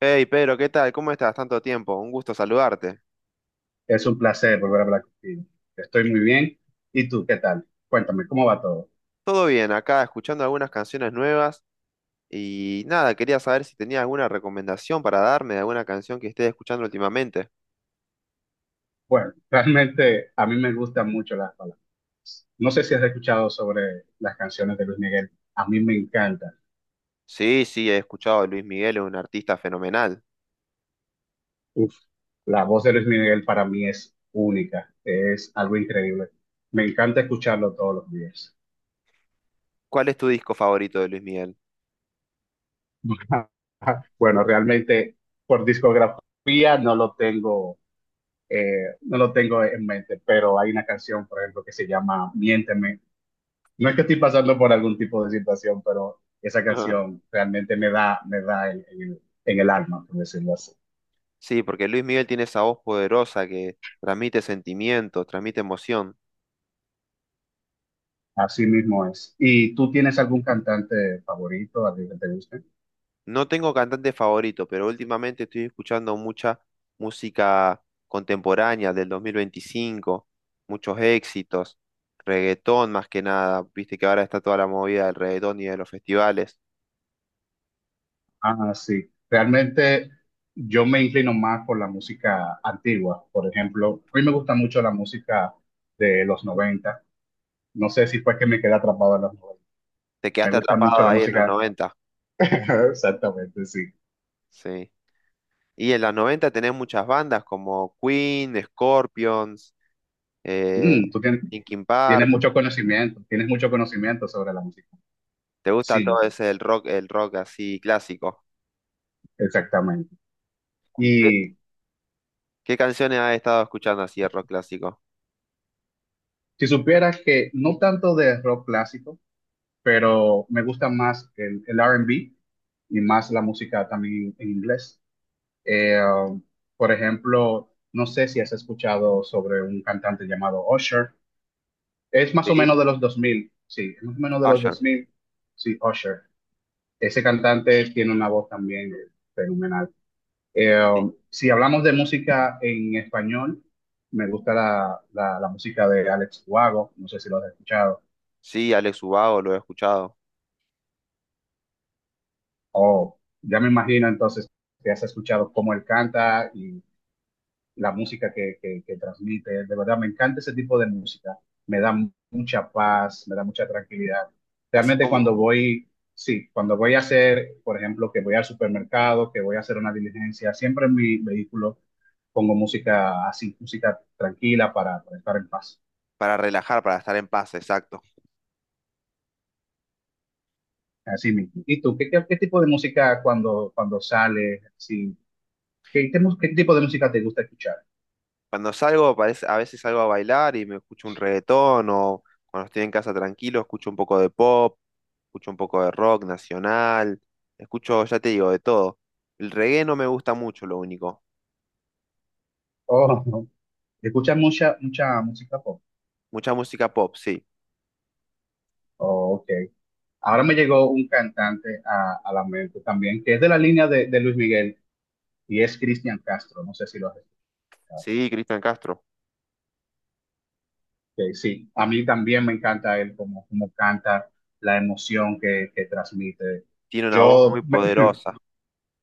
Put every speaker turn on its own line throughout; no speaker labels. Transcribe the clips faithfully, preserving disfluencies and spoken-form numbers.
Hey Pedro, ¿qué tal? ¿Cómo estás? Tanto tiempo, un gusto saludarte.
Es un placer volver a hablar contigo. Estoy muy bien. ¿Y tú qué tal? Cuéntame, ¿cómo va todo?
Todo bien, acá escuchando algunas canciones nuevas y nada, quería saber si tenías alguna recomendación para darme de alguna canción que estés escuchando últimamente.
Bueno, realmente a mí me gustan mucho las palabras. No sé si has escuchado sobre las canciones de Luis Miguel. A mí me encantan.
Sí, sí, he escuchado a Luis Miguel, es un artista fenomenal.
Uf, la voz de Luis Miguel para mí es única. Es algo increíble. Me encanta escucharlo todos los días.
¿Cuál es tu disco favorito de Luis Miguel?
Bueno, realmente por discografía no lo tengo, eh, no lo tengo en mente, pero hay una canción, por ejemplo, que se llama Miénteme. No es que estoy pasando por algún tipo de situación, pero esa canción realmente me da, me da en, en el, en el alma, por decirlo así.
Sí, porque Luis Miguel tiene esa voz poderosa que transmite sentimientos, transmite emoción.
Así mismo es. ¿Y tú tienes algún cantante favorito, alguien que te guste?
No tengo cantante favorito, pero últimamente estoy escuchando mucha música contemporánea del dos mil veinticinco, muchos éxitos, reggaetón más que nada. Viste que ahora está toda la movida del reggaetón y de los festivales.
Ah, sí. Realmente yo me inclino más por la música antigua. Por ejemplo, a mí me gusta mucho la música de los noventa. No sé si fue que me quedé atrapado en los noventa.
Te
Me
quedaste
gusta mucho
atrapado
la
ahí en los
música.
90,
Exactamente, sí.
sí. Y en los 90 tenés muchas bandas como Queen, Scorpions, eh,
Mm, tú tienes,
Linkin
tienes
Park.
mucho conocimiento, tienes mucho conocimiento sobre la música.
¿Te gusta
Sí,
todo ese el rock, el rock así clásico?
exactamente.
¿Y qué,
Y
qué canciones has estado escuchando así de rock clásico?
si supieras que no tanto de rock clásico, pero me gusta más el, el R y B y más la música también en inglés. Eh, um, por ejemplo, no sé si has escuchado sobre un cantante llamado Usher. Es más o
Sí,
menos de los dos mil. Sí, es más o menos de los dos
Usher.
mil. Sí, Usher. Ese cantante tiene una voz también fenomenal. Eh,
Sí,
si hablamos de música en español, me gusta la, la- la música de Alex Huago, no sé si lo has escuchado,
Sí, Alex Ubago lo he escuchado.
o ya me imagino entonces que has escuchado cómo él canta la música que, que, que transmite. De verdad, me encanta ese tipo de música. Me da mu- mucha paz, me da mucha tranquilidad.
Así
Realmente
como
cuando voy, sí, cuando voy a hacer, por ejemplo, que voy al supermercado, que voy a hacer una diligencia, siempre en mi vehículo pongo música así, música tranquila para, para estar en paz.
para relajar, para estar en paz, exacto.
Así mismo. ¿Y tú, qué, qué, qué tipo de música cuando, cuando sales? Sí, ¿qué, qué, mu- qué tipo de música te gusta escuchar?
Cuando salgo, parece- a veces salgo a bailar y me escucho un reggaetón o cuando estoy en casa tranquilo, escucho un poco de pop, escucho un poco de rock nacional, escucho, ya te digo, de todo. El reggae no me gusta mucho, lo único.
Oh, ¿escuchas mucha, mucha música pop?
Mucha música pop, sí.
Oh, ok. Ahora me llegó un cantante a, a la mente también, que es de la línea de, de Luis Miguel y es Cristian Castro. No sé si lo has escuchado.
Sí, Cristian Castro.
Que sí, a mí también me encanta él, como, como canta, la emoción que, que transmite.
Tiene una voz muy
Yo, me-
poderosa.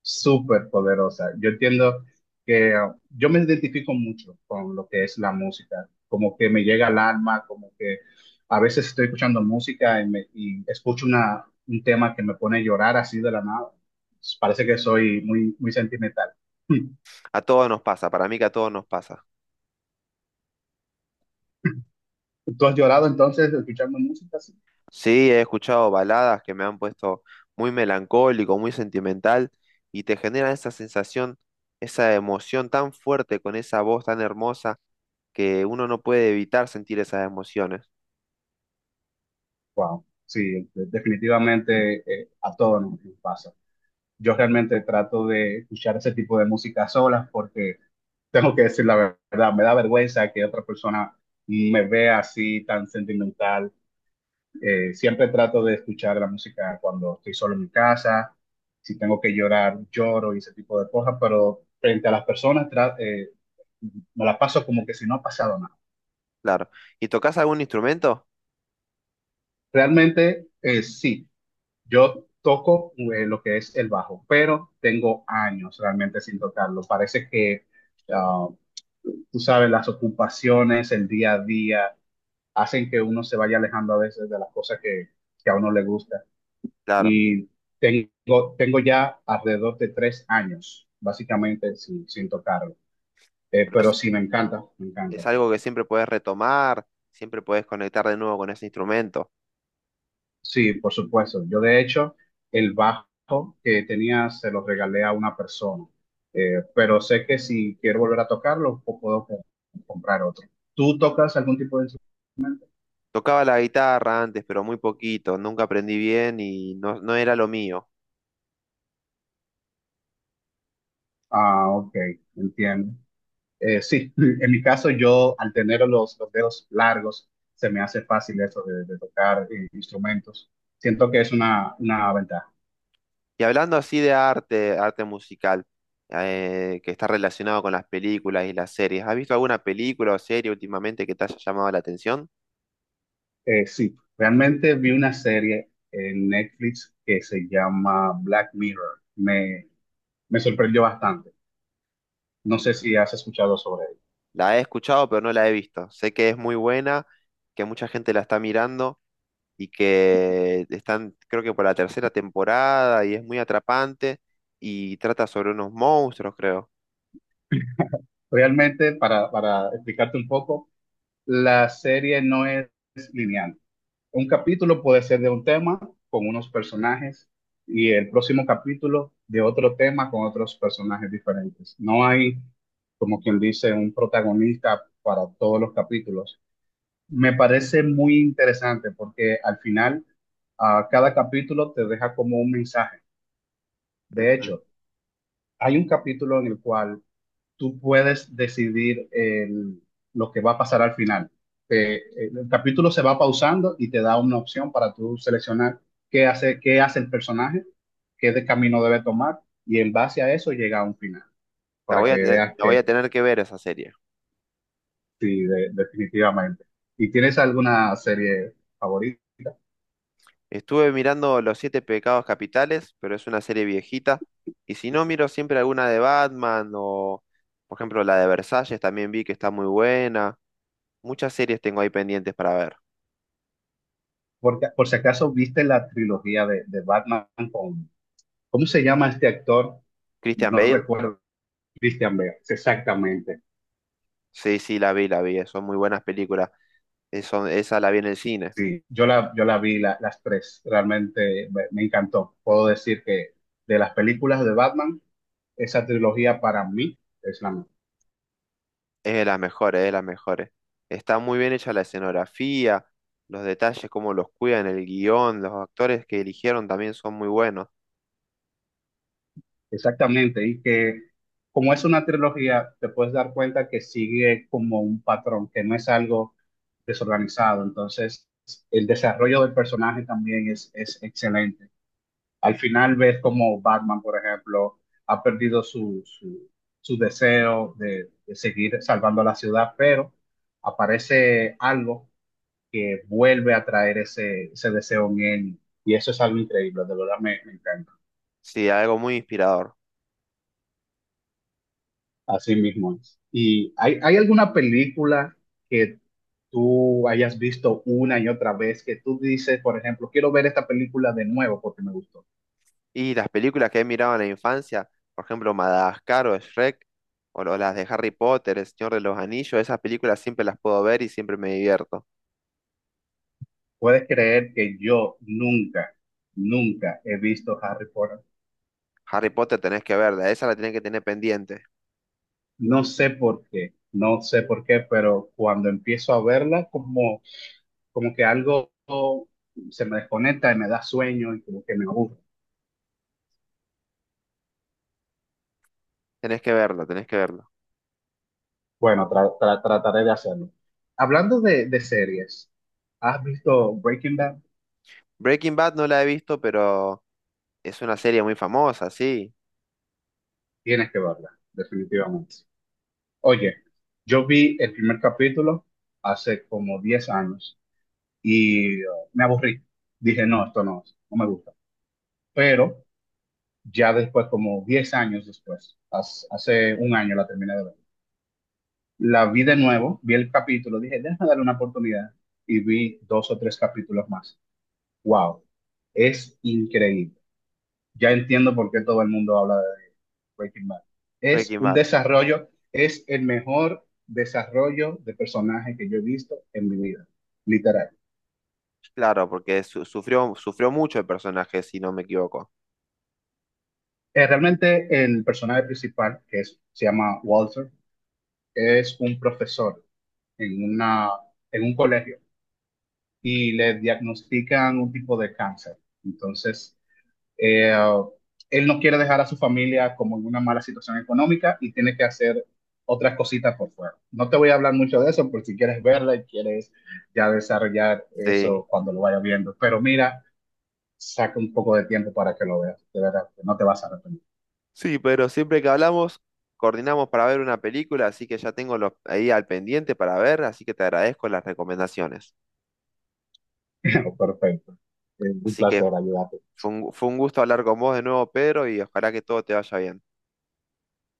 Súper poderosa. Yo entiendo que uh, yo me identifico mucho con lo que es la música, como que me llega al alma, como que a veces estoy escuchando música y, me- y escucho una, un tema que me pone a llorar así de la nada. Pues, parece que soy muy, muy sentimental.
A todos nos pasa, para mí que a todos nos pasa.
¿Tú has llorado entonces escuchando música así?
Sí, he escuchado baladas que me han puesto muy melancólico, muy sentimental, y te generan esa sensación, esa emoción tan fuerte con esa voz tan hermosa que uno no puede evitar sentir esas emociones.
Wow, sí, de- definitivamente eh, a todos nos nos pasa. Yo realmente trato de escuchar ese tipo de música sola porque tengo que decir la verdad, me da vergüenza que otra persona me vea así tan sentimental. Eh, siempre trato de escuchar la música cuando estoy solo en mi casa, si tengo que llorar, lloro y ese tipo de cosas, pero frente a las personas tra- eh, me la paso como que si no ha pasado nada.
Claro. ¿Y tocas algún instrumento?
Realmente eh, sí, yo toco eh, lo que es el bajo, pero tengo años realmente sin tocarlo. Parece que ah, tú sabes, las ocupaciones, el día a día, hacen que uno se vaya alejando a veces de las cosas que, que a uno le gusta.
Claro.
Y tengo, tengo ya alrededor de tres años, básicamente, sin, sin tocarlo. Eh,
Pero es,
pero sí, me encanta, me encanta.
es algo que siempre puedes retomar, siempre puedes conectar de nuevo con ese instrumento.
Sí, por supuesto. Yo, de hecho, el bajo que tenía se lo regalé a una persona. Eh, pero sé que si quiero volver a tocarlo, po- puedo co- comprar otro. ¿Tú tocas algún tipo de instru-
Tocaba la guitarra antes, pero muy poquito, nunca aprendí bien y no, no era lo mío.
Ah, ok, entiendo. Eh, sí, en mi caso yo al tener los, los dedos largos se me hace fácil eso de, de tocar eh, instrumentos. Siento que es una, una ventaja.
Y hablando así de arte, arte musical, eh, que está relacionado con las películas y las series, ¿has visto alguna película o serie últimamente que te haya llamado la atención?
Eh, sí, realmente vi una serie en Netflix que se llama Black Mirror. Me, me sorprendió bastante. No sé
Mm.
si has escuchado sobre ella.
La he escuchado, pero no la he visto. Sé que es muy buena, que mucha gente la está mirando y que están, creo que por la tercera temporada y es muy atrapante y trata sobre unos monstruos, creo.
Realmente, para, para explicarte un poco, la serie no es lineal. Un capítulo puede ser de un tema con unos personajes y el próximo capítulo de otro tema con otros personajes diferentes. No hay, como quien dice, un protagonista para todos los capítulos. Me parece muy interesante porque al final a cada capítulo te deja como un mensaje. De
Ujú.
hecho, hay un capítulo en el cual tú puedes decidir el- lo que va a pasar al final. Te- el el capítulo se va pausando y te da una opción para tú seleccionar qué hace, qué hace el personaje, qué de camino debe tomar, y en base a eso llega a un final,
La
para
voy
que
a, te-
veas
la voy a
que.
tener que ver esa serie.
Sí, de- definitivamente. ¿Y tienes alguna serie favorita?
Estuve mirando Los Siete Pecados Capitales, pero es una serie viejita. Y si no, miro siempre alguna de Batman o, por ejemplo, la de Versalles, también vi que está muy buena. Muchas series tengo ahí pendientes para ver.
Porque, por si acaso viste la trilogía de, de Batman con, ¿cómo se llama este actor?
Christian
No
Bale,
recuerdo, Christian Bale, exactamente.
sí, sí, la vi, la vi. Son muy buenas películas. Eh, son- esa la vi en el cine.
Sí, yo la, yo la vi la- las tres, realmente me, me encantó. Puedo decir que de las películas de Batman, esa trilogía para mí es la mejor.
Es de las mejores, es de las mejores. Está muy bien hecha la escenografía, los detalles, cómo los cuidan, el guión, los actores que eligieron también son muy buenos.
Exactamente, y que como es una trilogía, te puedes dar cuenta que sigue como un patrón, que no es algo desorganizado. Entonces, el desarrollo del personaje también es, es excelente. Al final ves como Batman, por ejemplo, ha perdido su, su, su deseo de, de seguir salvando la ciudad, pero aparece algo que vuelve a traer ese, ese deseo en él. Y eso es algo increíble, de verdad me, me encanta.
Sí, algo muy inspirador.
Así mismo es. ¿Y hay, hay alguna película que tú hayas visto una y otra vez que tú dices, por ejemplo, quiero ver esta película de nuevo porque me gustó?
Y las películas que he mirado en la infancia, por ejemplo, Madagascar o Shrek, o lo- las de Harry Potter, El Señor de los Anillos, esas películas siempre las puedo ver y siempre me divierto.
¿Puedes creer que yo nunca, nunca he visto Harry Potter?
Harry Potter tenés que verla, esa la tenés que tener pendiente.
No sé por qué, no sé por qué, pero cuando empiezo a verla, como, como que algo se me desconecta y me da sueño y como que me aburre.
Tenés que verla, tenés que verla.
Bueno, tra- tra- trataré de hacerlo. Hablando de, de series, ¿has visto Breaking Bad?
Breaking Bad no la he visto, pero es una serie muy famosa, sí.
Tienes que verla, definitivamente. Oye, yo vi el primer capítulo hace como diez años y eh, me aburrí. Dije, no, esto no, no me gusta. Pero ya después, como diez años después, hace, hace un año la terminé de ver. La vi de nuevo, vi el capítulo, dije, déjame darle una oportunidad y vi dos o tres capítulos más. ¡Wow! Es increíble. Ya entiendo por qué todo el mundo habla de Breaking Bad. Es
Breaking
un
Bad,
desarrollo, es el mejor desarrollo de personaje que yo he visto en mi vida, literal.
claro, porque su- sufrió, sufrió mucho el personaje, si no me equivoco.
Eh, realmente el personaje principal, que es, se llama Walter, es un profesor en una, en un colegio y le diagnostican un tipo de cáncer. Entonces, eh, él no quiere dejar a su familia como en una mala situación económica y tiene que hacer otras cositas por fuera. No te voy a hablar mucho de eso por si quieres verla y quieres ya desarrollar
Sí.
eso cuando lo vayas viendo. Pero mira, saca un poco de tiempo para que lo veas. De verdad, que no te vas a arrepentir.
Sí, pero siempre que hablamos, coordinamos para ver una película, así que ya tengo los, ahí al pendiente para ver, así que te agradezco las recomendaciones.
Perfecto. Es un
Así que
placer ayudarte.
fue un, fue un gusto hablar con vos de nuevo, Pedro, y ojalá que todo te vaya bien.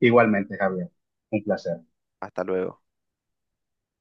Igualmente, Javier. Un placer.
Hasta luego.